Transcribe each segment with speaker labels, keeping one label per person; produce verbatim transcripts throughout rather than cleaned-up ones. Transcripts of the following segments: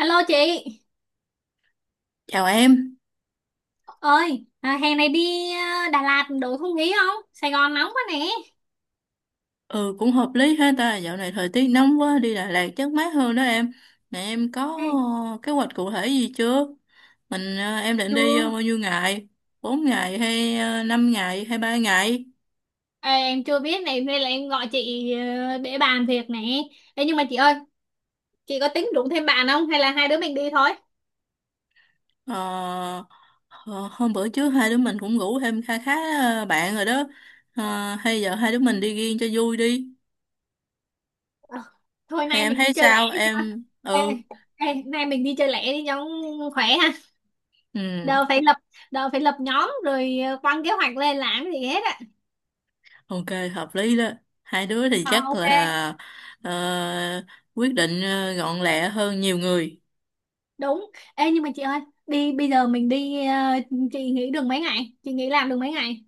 Speaker 1: Alo chị
Speaker 2: Chào em.
Speaker 1: ơi à, hè này đi à, Đà Lạt đổi không khí không? Sài Gòn nóng quá nè.
Speaker 2: Ừ cũng hợp lý ha ta, dạo này thời tiết nóng quá, đi Đà Lạt chắc mát hơn đó em. Nè em có
Speaker 1: Ừ.
Speaker 2: ờ, kế hoạch cụ thể gì chưa? Mình ờ, em định
Speaker 1: Chưa.
Speaker 2: đi ờ, bao nhiêu ngày? Bốn ngày hay uh, năm ngày hay ba ngày?
Speaker 1: Ê, em chưa biết này nên là em gọi chị ờ, để bàn việc nè. Ê, nhưng mà chị ơi, chị có tính rủ thêm bạn không hay là hai đứa mình đi thôi?
Speaker 2: Ờ, ờ, Hôm bữa trước hai đứa mình cũng ngủ thêm kha khá ờ, bạn rồi đó. Ờ, hay giờ hai đứa mình đi riêng cho vui đi.
Speaker 1: Ờ, Thôi
Speaker 2: Hay
Speaker 1: nay
Speaker 2: em
Speaker 1: mình đi
Speaker 2: thấy
Speaker 1: chơi lẻ
Speaker 2: sao?
Speaker 1: đi.
Speaker 2: Em
Speaker 1: ê,
Speaker 2: ừ
Speaker 1: ê, nay mình đi chơi lẻ đi, nhóm khỏe ha.
Speaker 2: ừ
Speaker 1: đâu phải lập Đâu phải lập nhóm rồi ờ, quăng kế hoạch lên làm cái gì hết á.
Speaker 2: Ok, hợp lý đó. Hai đứa thì
Speaker 1: Ờ,
Speaker 2: chắc
Speaker 1: ok.
Speaker 2: là ờ, quyết định ờ, gọn lẹ hơn nhiều người.
Speaker 1: Đúng. Ê, nhưng mà chị ơi, đi bây giờ mình đi ờ, chị nghỉ được mấy ngày, chị nghỉ làm được mấy ngày?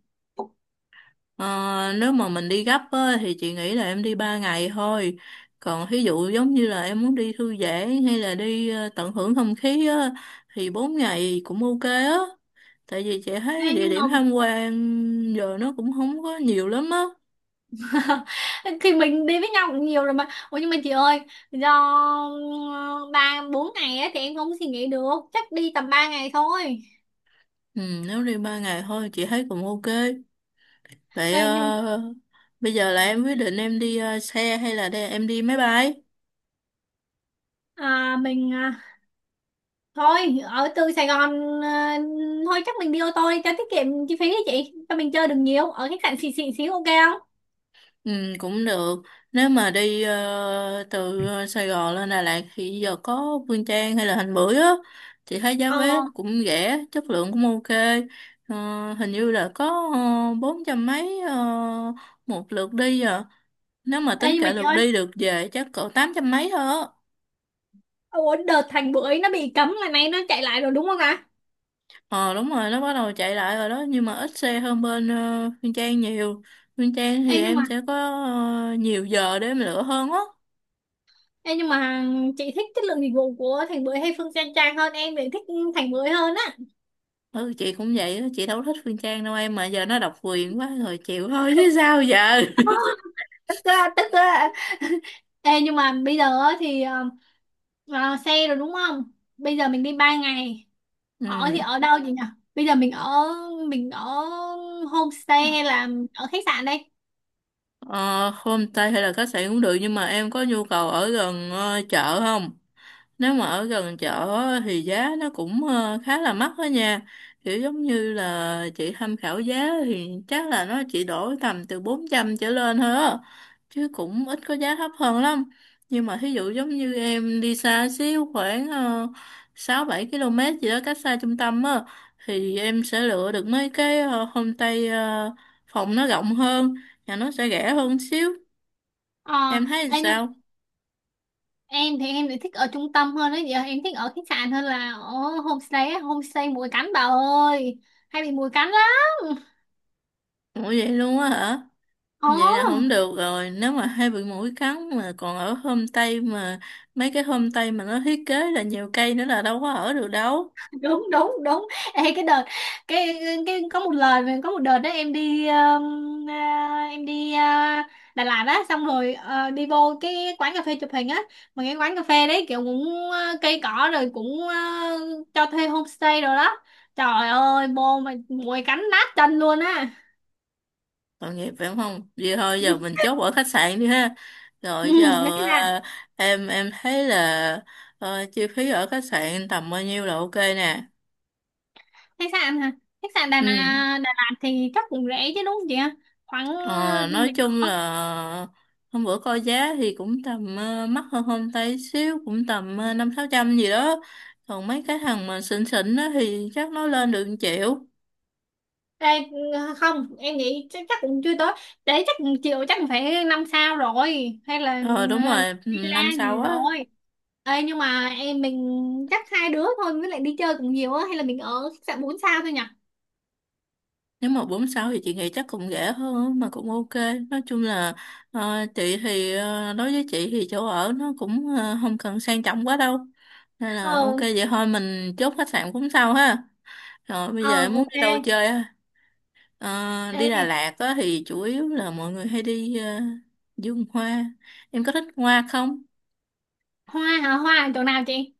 Speaker 2: Ờ, Nếu mà mình đi gấp á, thì chị nghĩ là em đi ba ngày thôi. Còn ví dụ giống như là em muốn đi thư giãn hay là đi ờ, tận hưởng không khí á, thì bốn ngày cũng ok á. Tại vì chị thấy
Speaker 1: Ê,
Speaker 2: địa
Speaker 1: nhưng mà
Speaker 2: điểm tham quan giờ nó cũng không có nhiều lắm á.
Speaker 1: thì mình đi với nhau cũng nhiều rồi mà. Ủa, nhưng mà chị ơi, do ờ, ba bốn ngày á, thì em không suy nghĩ được, chắc đi tầm ba ngày thôi.
Speaker 2: Ừ, nếu đi ba ngày thôi chị thấy cũng ok. Vậy
Speaker 1: Ê, nhưng
Speaker 2: ờ, bây giờ là em quyết định em đi ờ, xe hay là đây em đi máy bay?
Speaker 1: à, mình à, thôi ở từ Sài Gòn à, thôi chắc mình đi ô tô đi cho tiết kiệm chi phí đi chị, cho mình chơi được nhiều, ở khách sạn xịn xịn xíu, ok không?
Speaker 2: Ừ, cũng được. Nếu mà đi ờ, từ ờ, Sài Gòn lên Đà Lạt thì giờ có Phương Trang hay là Thành Bưởi á, chị thấy giá
Speaker 1: Ờ.
Speaker 2: vé cũng rẻ, chất lượng cũng ok. Ờ, Hình như là có ờ, bốn trăm mấy ờ, một lượt đi à. Nếu mà
Speaker 1: Ê,
Speaker 2: tính
Speaker 1: nhưng mà
Speaker 2: cả
Speaker 1: chị
Speaker 2: lượt
Speaker 1: ơi,
Speaker 2: đi lượt về chắc cỡ tám trăm mấy thôi á.
Speaker 1: ủa đợt Thành Bưởi nó bị cấm là nay nó chạy lại rồi đúng không ạ?
Speaker 2: Ờ đúng rồi, nó bắt đầu chạy lại rồi đó, nhưng mà ít xe hơn bên ờ, Nguyên Trang nhiều. Nguyên Trang thì
Speaker 1: Ê, nhưng mà
Speaker 2: em sẽ có ờ, nhiều giờ để em lựa hơn á.
Speaker 1: Ê, nhưng mà chị thích chất lượng dịch vụ của Thành Bưởi hay Phương Trang Trang hơn? Em thì thích Thành Bưởi hơn á.
Speaker 2: Ừ chị cũng vậy á, chị đâu thích Nguyên Trang đâu em, mà giờ nó độc quyền quá rồi chịu thôi chứ sao giờ.
Speaker 1: Ờ, Tức á, tức á. Ê, nhưng mà bây giờ á thì ờ, ờ, xe rồi đúng không, bây giờ mình đi ba ngày,
Speaker 2: Ừ.
Speaker 1: ở thì ở đâu vậy nhỉ? Bây giờ mình ở mình ở homestay hay là ở khách sạn đây?
Speaker 2: ờ, Homestay hay là khách sạn cũng được, nhưng mà em có nhu cầu ở gần ờ, chợ không? Nếu mà ở gần chợ á, thì giá nó cũng ờ, khá là mắc đó nha. Kiểu giống như là chị tham khảo giá thì chắc là nó chỉ đổi tầm từ bốn trăm trở lên thôi á. Chứ cũng ít có giá thấp hơn lắm. Nhưng mà thí dụ giống như em đi xa xíu khoảng uh, sáu bảy ki lô mét km gì đó cách xa trung tâm á, thì em sẽ lựa được mấy cái ờ, homestay ờ, phòng nó rộng hơn và nó sẽ rẻ hơn xíu.
Speaker 1: Ờ.
Speaker 2: Em thấy
Speaker 1: Ê, nhưng mà
Speaker 2: sao?
Speaker 1: em thì em lại thích ở trung tâm hơn đấy, giờ em thích ở khách sạn hơn là ở homestay á. Homestay muỗi cắn bà ơi, hay bị muỗi cắn lắm.
Speaker 2: Ủa vậy luôn á hả?
Speaker 1: Ờ,
Speaker 2: Vậy là không được rồi, nếu mà hay bị muỗi cắn mà còn ở homestay, mà mấy cái homestay mà nó thiết kế là nhiều cây nữa là đâu có ở được đâu.
Speaker 1: đúng đúng đúng. Ê, cái đợt, cái, cái có một lời mà có một đợt đó em đi um, à, em đi à, Đà Lạt á, xong rồi ờ, đi vô cái quán cà phê chụp hình á, mà cái quán cà phê đấy kiểu cũng ờ, cây cỏ rồi cũng ờ, cho thuê homestay rồi đó, trời ơi vô mà mùi cánh nát chân luôn á.
Speaker 2: Tội nghiệp phải không? Vậy thôi giờ mình chốt ở khách sạn đi ha.
Speaker 1: Ừ,
Speaker 2: Rồi
Speaker 1: khách
Speaker 2: giờ
Speaker 1: sạn.
Speaker 2: à, em em thấy là ờ, chi phí ở khách sạn tầm bao nhiêu là ok nè.
Speaker 1: Khách sạn hả? Khách sạn Đà,
Speaker 2: Ừ.
Speaker 1: Nà- Đà Lạt thì chắc cũng rẻ chứ đúng không chị ạ? Khoảng
Speaker 2: Ờ,
Speaker 1: ờ,
Speaker 2: nói
Speaker 1: mình
Speaker 2: chung
Speaker 1: ở.
Speaker 2: là hôm bữa coi giá thì cũng tầm ờ, mắc hơn hôm tay xíu, cũng tầm ờ, năm sáu trăm gì đó, còn mấy cái thằng mà xịn xịn á thì chắc nó lên được 1 triệu.
Speaker 1: Ê, không em nghĩ chắc, chắc cũng chưa tới, để chắc chịu chắc phải năm sao rồi, hay là
Speaker 2: Ờ đúng
Speaker 1: ờ,
Speaker 2: rồi, ừ,
Speaker 1: villa
Speaker 2: năm sau
Speaker 1: gì
Speaker 2: á.
Speaker 1: rồi. Ê, nhưng mà em mình chắc hai đứa thôi, với lại đi chơi cũng nhiều á, hay là mình ở khách sạn bốn sao thôi nhỉ?
Speaker 2: Nếu mà bốn sáu thì chị nghĩ chắc cũng rẻ hơn mà cũng ok. Nói chung là ờ, chị thì ờ, đối với chị thì chỗ ở nó cũng ờ, không cần sang trọng quá đâu, nên là ok
Speaker 1: ờ
Speaker 2: vậy thôi, mình chốt khách sạn cũng sau ha. Rồi bây
Speaker 1: ờ
Speaker 2: giờ em muốn
Speaker 1: ok.
Speaker 2: đi đâu chơi á? Ờ,
Speaker 1: Ê,
Speaker 2: Đi Đà Lạt á, thì chủ yếu là mọi người hay đi ờ, vườn hoa. Em có thích hoa không?
Speaker 1: hoa hả? Hoa ở chỗ nào chị?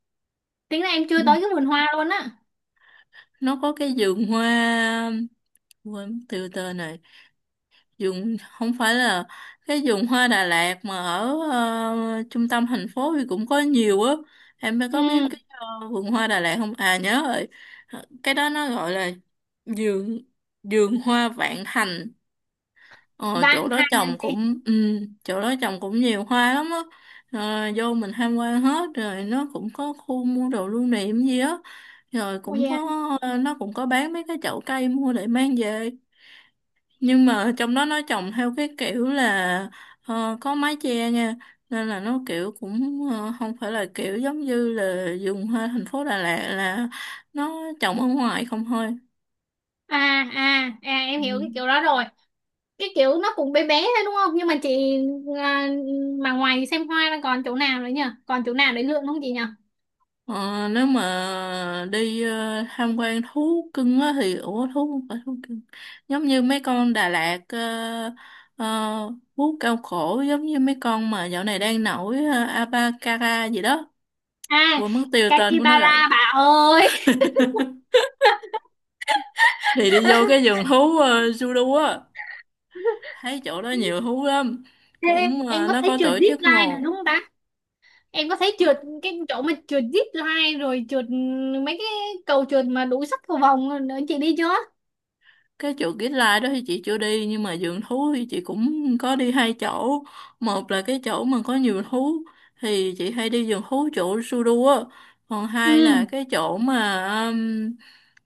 Speaker 1: Tính là em
Speaker 2: Ừ.
Speaker 1: chưa tới cái vườn hoa luôn á.
Speaker 2: Nó có cái vườn hoa, quên mất tiêu tên này. Vườn không phải là cái vườn hoa Đà Lạt, mà ở ờ, trung tâm thành phố thì cũng có nhiều á. Em
Speaker 1: Ừ.
Speaker 2: có biết cái ờ, vườn hoa Đà Lạt không? À nhớ rồi. Cái đó nó gọi là vườn vườn hoa Vạn Thành. Ờ, chỗ
Speaker 1: Vạn
Speaker 2: đó
Speaker 1: Hạnh hả
Speaker 2: trồng
Speaker 1: chị?
Speaker 2: cũng ừ, chỗ đó trồng cũng nhiều hoa lắm á. Ờ, vô mình tham quan hết rồi nó cũng có khu mua đồ lưu niệm gì á, rồi
Speaker 1: Ôi
Speaker 2: cũng có,
Speaker 1: dạ.
Speaker 2: nó cũng có bán mấy cái chậu cây mua để mang về. Nhưng mà trong đó nó trồng theo cái kiểu là ờ, có mái che nha, nên là nó kiểu cũng ờ, không phải là kiểu giống như là dùng hoa thành phố Đà Lạt là nó trồng ở ngoài không thôi.
Speaker 1: À à à, em hiểu
Speaker 2: Ừ.
Speaker 1: cái kiểu đó rồi. Cái kiểu nó cũng bé bé thôi đúng không? Nhưng mà chị à, mà ngoài xem hoa ra còn chỗ nào nữa nhỉ, còn chỗ nào để lượn không chị nhỉ?
Speaker 2: Ờ, nếu mà đi ờ, tham quan thú cưng á thì ủa thú không phải thú cưng, giống như mấy con Đà Lạt ờ, ờ, thú cao cổ giống như mấy con mà dạo này đang nổi, uh, Abacara gì đó,
Speaker 1: À,
Speaker 2: quên mất tiêu tên của nó
Speaker 1: Kakibara
Speaker 2: rồi,
Speaker 1: bà ơi.
Speaker 2: thì đi vô cái vườn thú uh, Sudu á, thấy chỗ đó nhiều thú lắm,
Speaker 1: Ê,
Speaker 2: cũng
Speaker 1: em
Speaker 2: ờ,
Speaker 1: có
Speaker 2: nó
Speaker 1: thấy
Speaker 2: có
Speaker 1: trượt
Speaker 2: tổ
Speaker 1: zip
Speaker 2: chức mà.
Speaker 1: line được đúng không ta? Em có thấy trượt, cái chỗ mà trượt zip line rồi trượt mấy cái cầu trượt mà đủ sắc cầu vồng nữa, chị đi chưa?
Speaker 2: Cái chỗ Kids Lai đó thì chị chưa đi, nhưng mà vườn thú thì chị cũng có đi hai chỗ. Một là cái chỗ mà có nhiều thú thì chị hay đi vườn thú chỗ Sudu á, còn
Speaker 1: Ừ.
Speaker 2: hai là cái chỗ mà um,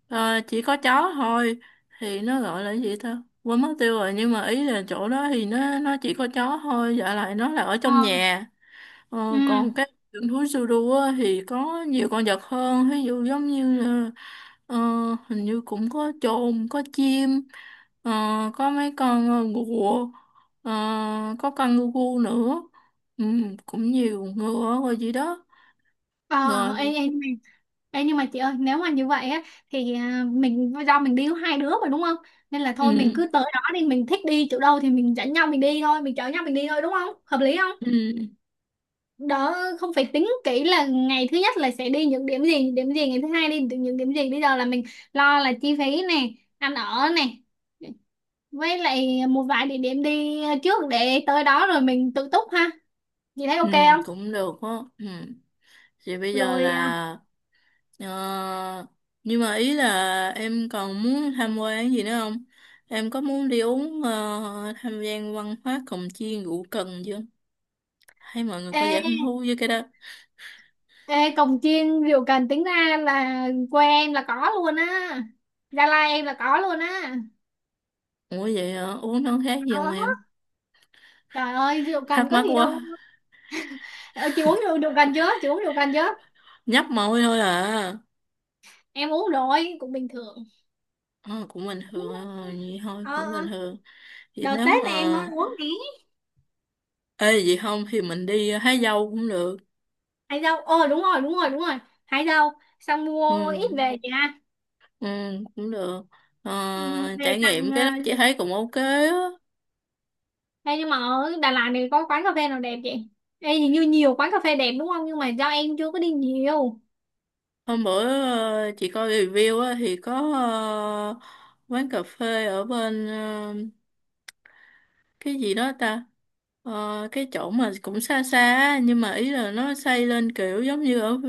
Speaker 2: ờ, chỉ có chó thôi, thì nó gọi là gì ta quên mất tiêu rồi, nhưng mà ý là chỗ đó thì nó nó chỉ có chó thôi, dạ lại nó là ở
Speaker 1: Ờ.
Speaker 2: trong nhà.
Speaker 1: Ừ.
Speaker 2: Ờ, còn cái vườn thú Sudu á thì có nhiều con vật hơn, ví dụ giống như là, ờ, hình như cũng có chồn, có chim, ờ, có mấy con ờ, ngựa, ờ, có con ngu nữa, ừ, cũng nhiều ngựa rồi gì đó.
Speaker 1: Ờ,
Speaker 2: Rồi,
Speaker 1: em, em Ê, nhưng mà chị ơi, nếu mà như vậy á thì à, mình do mình đi có hai đứa mà đúng không, nên là thôi mình
Speaker 2: ừ,
Speaker 1: cứ tới đó đi, mình thích đi chỗ đâu thì mình dẫn nhau mình đi thôi, mình chở nhau mình đi thôi, đúng không, hợp lý không?
Speaker 2: ừ,
Speaker 1: Đó, không phải tính kỹ là ngày thứ nhất là sẽ đi những điểm gì, những điểm gì ngày thứ hai đi những điểm gì, bây giờ là mình lo là chi phí này, ăn ở này, với lại một vài địa điểm đi trước, để tới đó rồi mình tự túc ha, chị thấy ok
Speaker 2: ừ,
Speaker 1: không?
Speaker 2: cũng được đó. Ừ. Thì bây giờ
Speaker 1: Rồi. à,
Speaker 2: là, ờ, nhưng mà ý là em còn muốn tham quan gì nữa không? Em có muốn đi uống ờ, tham gia văn hóa cồng chiên rượu cần chưa? Hay mọi người có vẻ
Speaker 1: ê,
Speaker 2: hứng thú với cái đó?
Speaker 1: Ê, cồng chiên rượu cần tính ra là quê em là có luôn á, Gia Lai em là có luôn á.
Speaker 2: Ủa vậy hả? Uống nó khác gì không
Speaker 1: Có.
Speaker 2: em?
Speaker 1: Trời ơi, rượu cần
Speaker 2: Thắc
Speaker 1: có
Speaker 2: mắc
Speaker 1: gì đâu.
Speaker 2: quá.
Speaker 1: Ờ, Chị uống rượu, rượu cần chưa? Chị uống rượu cần chưa?
Speaker 2: Nhấp môi thôi à.
Speaker 1: Em uống rồi cũng bình thường.
Speaker 2: Ờ, cũng bình thường thôi,
Speaker 1: Uống-
Speaker 2: ờ, vậy thôi,
Speaker 1: Ờ,
Speaker 2: cũng bình
Speaker 1: ờ.
Speaker 2: thường. Vậy
Speaker 1: Đợt
Speaker 2: nếu
Speaker 1: Tết này em mới
Speaker 2: mà...
Speaker 1: uống tí.
Speaker 2: Ê, vậy không thì mình đi hái dâu cũng được.
Speaker 1: Hải dâu. Ờ đúng rồi đúng rồi đúng rồi. Hải dâu. Xong
Speaker 2: Ừ,
Speaker 1: mua ít về chị ha.
Speaker 2: ừ cũng được. Ờ,
Speaker 1: Ừ. Về
Speaker 2: trải
Speaker 1: tặng
Speaker 2: nghiệm cái
Speaker 1: ờ,
Speaker 2: đó chị thấy cũng ok á.
Speaker 1: Ê, nhưng mà ở Đà Lạt này có quán cà phê nào đẹp chị? Ê, hình như nhiều quán cà phê đẹp đúng không? Nhưng mà do em chưa có đi nhiều.
Speaker 2: Hôm bữa ờ, chị coi review á, thì có ờ, quán cà phê ở bên ờ, cái gì đó ta. Ờ, cái chỗ mà cũng xa xa á, nhưng mà ý là nó xây lên kiểu giống như ở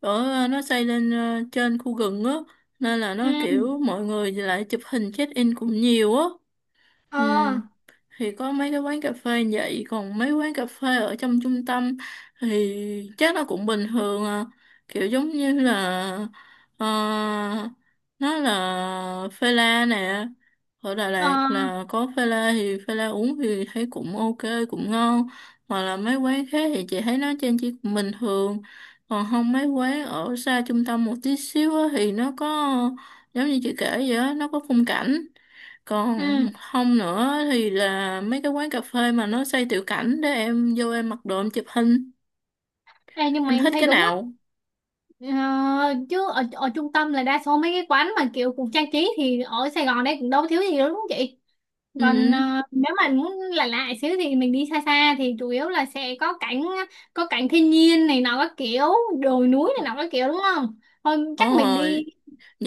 Speaker 2: ở ờ, nó xây lên ờ, trên khu rừng á, nên là
Speaker 1: Ừ.
Speaker 2: nó kiểu mọi người lại chụp hình check in cũng nhiều á. Ừ,
Speaker 1: Ờ.
Speaker 2: thì có mấy cái quán cà phê vậy, còn mấy quán cà phê ở trong trung tâm thì chắc nó cũng bình thường à. Kiểu giống như là, ờ, nó là phê la nè, ở Đà
Speaker 1: Ờ.
Speaker 2: Lạt là có phê la, thì phê la uống thì thấy cũng ok, cũng ngon. Hoặc là mấy quán khác thì chị thấy nó trên chỉ cũng bình thường, còn không mấy quán ở xa trung tâm một tí xíu á thì nó có, giống như chị kể vậy á, nó có khung cảnh. Còn
Speaker 1: Ừ.
Speaker 2: không nữa thì là mấy cái quán cà phê mà nó xây tiểu cảnh để em vô em mặc đồ em chụp hình.
Speaker 1: Ê, nhưng mà
Speaker 2: Em
Speaker 1: em
Speaker 2: thích
Speaker 1: thấy
Speaker 2: cái
Speaker 1: đúng á.
Speaker 2: nào?
Speaker 1: Ờ, Chứ ở, ở trung tâm là đa số mấy cái quán mà kiểu cũng trang trí thì ở Sài Gòn đây cũng đâu thiếu gì đâu đúng không chị? Còn
Speaker 2: Ừ.
Speaker 1: ờ, nếu mà muốn lạ lạ xíu thì mình đi xa xa, thì chủ yếu là sẽ có cảnh có cảnh thiên nhiên này nọ các kiểu, đồi núi này nọ các kiểu, đúng không? Thôi
Speaker 2: Ồ,
Speaker 1: chắc mình đi.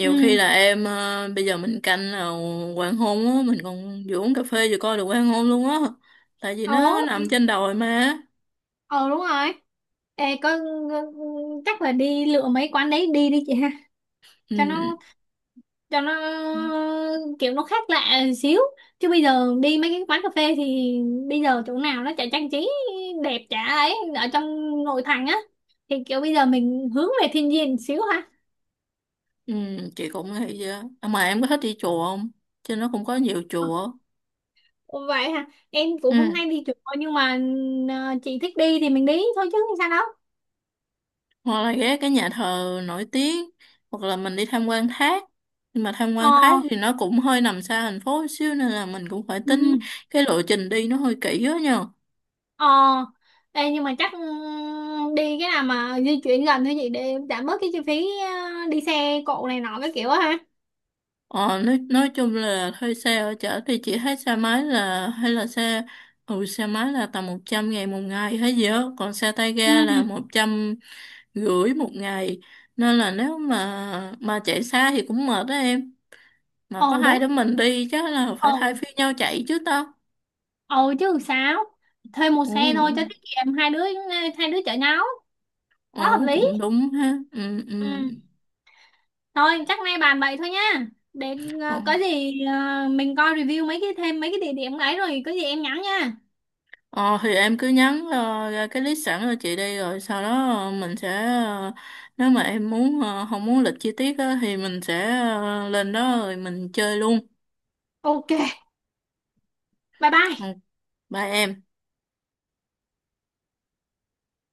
Speaker 1: Ừ.
Speaker 2: khi là em ờ, bây giờ mình canh là hoàng hôn á, mình còn vừa uống cà phê vừa coi được hoàng hôn luôn á. Tại vì
Speaker 1: Ờ.
Speaker 2: nó nằm
Speaker 1: thì-
Speaker 2: trên đồi mà.
Speaker 1: ờ đúng rồi. Ê, có, chắc là đi lựa mấy quán đấy đi đi chị ha, cho
Speaker 2: Ừ.
Speaker 1: nó cho nó kiểu nó khác lạ xíu. Chứ bây giờ đi mấy cái quán cà phê thì bây giờ chỗ nào nó chả trang trí đẹp chả ấy, ở trong nội thành á, thì kiểu bây giờ mình hướng về thiên nhiên xíu ha.
Speaker 2: Ừ, chị cũng nghĩ vậy á. À, mà em có thích đi chùa không? Trên nó cũng có nhiều chùa.
Speaker 1: Ồ, vậy hả, em cũng không
Speaker 2: Ừ.
Speaker 1: hay đi chùa nhưng mà ờ, chị thích đi thì mình đi thôi chứ sao đâu.
Speaker 2: Hoặc là ghé cái nhà thờ nổi tiếng, hoặc là mình đi tham quan thác, nhưng mà tham
Speaker 1: Ờ.
Speaker 2: quan thác thì nó cũng hơi nằm xa thành phố một xíu nên là mình cũng phải
Speaker 1: Ừ.
Speaker 2: tính cái lộ trình đi nó hơi kỹ đó nha.
Speaker 1: Ờ. Ê, nhưng mà chắc ừ, đi cái nào mà di chuyển gần thôi chị, để giảm bớt cái chi phí ờ, đi xe cộ này nọ cái kiểu á ha.
Speaker 2: Ờ, nói, nói chung là thuê xe ở chợ thì chỉ thấy xe máy là hay là xe, ừ xe máy là tầm một trăm ngàn một ngày hay gì đó, còn xe tay
Speaker 1: Ừ
Speaker 2: ga là
Speaker 1: ừ.
Speaker 2: một trăm rưỡi một ngày, nên là nếu mà mà chạy xa thì cũng mệt đó em, mà có
Speaker 1: Ồ
Speaker 2: hai
Speaker 1: đúng.
Speaker 2: đứa mình đi chắc là
Speaker 1: Ồ.
Speaker 2: phải thay phiên nhau chạy chứ tao.
Speaker 1: Ừ, chứ sao. Thuê một
Speaker 2: Ừ.
Speaker 1: xe thôi cho tiết kiệm, hai đứa, hai đứa chở nhau, quá hợp
Speaker 2: Ồ,
Speaker 1: lý.
Speaker 2: cũng đúng ha. Ừ, ừ.
Speaker 1: Ừ. Thôi chắc nay bàn vậy thôi nha, để
Speaker 2: Ờ,
Speaker 1: ờ, có gì ờ, mình coi review mấy cái thêm mấy cái địa điểm ấy rồi có gì em nhắn nha.
Speaker 2: ờ, thì em cứ nhắn ờ, ra cái list sẵn cho chị đi, rồi sau đó ờ, mình sẽ, ờ, nếu mà em muốn ờ, không muốn lịch chi tiết á, thì mình sẽ ờ, lên đó rồi mình chơi luôn.
Speaker 1: Ok, bye bye.
Speaker 2: Ừ, bye em.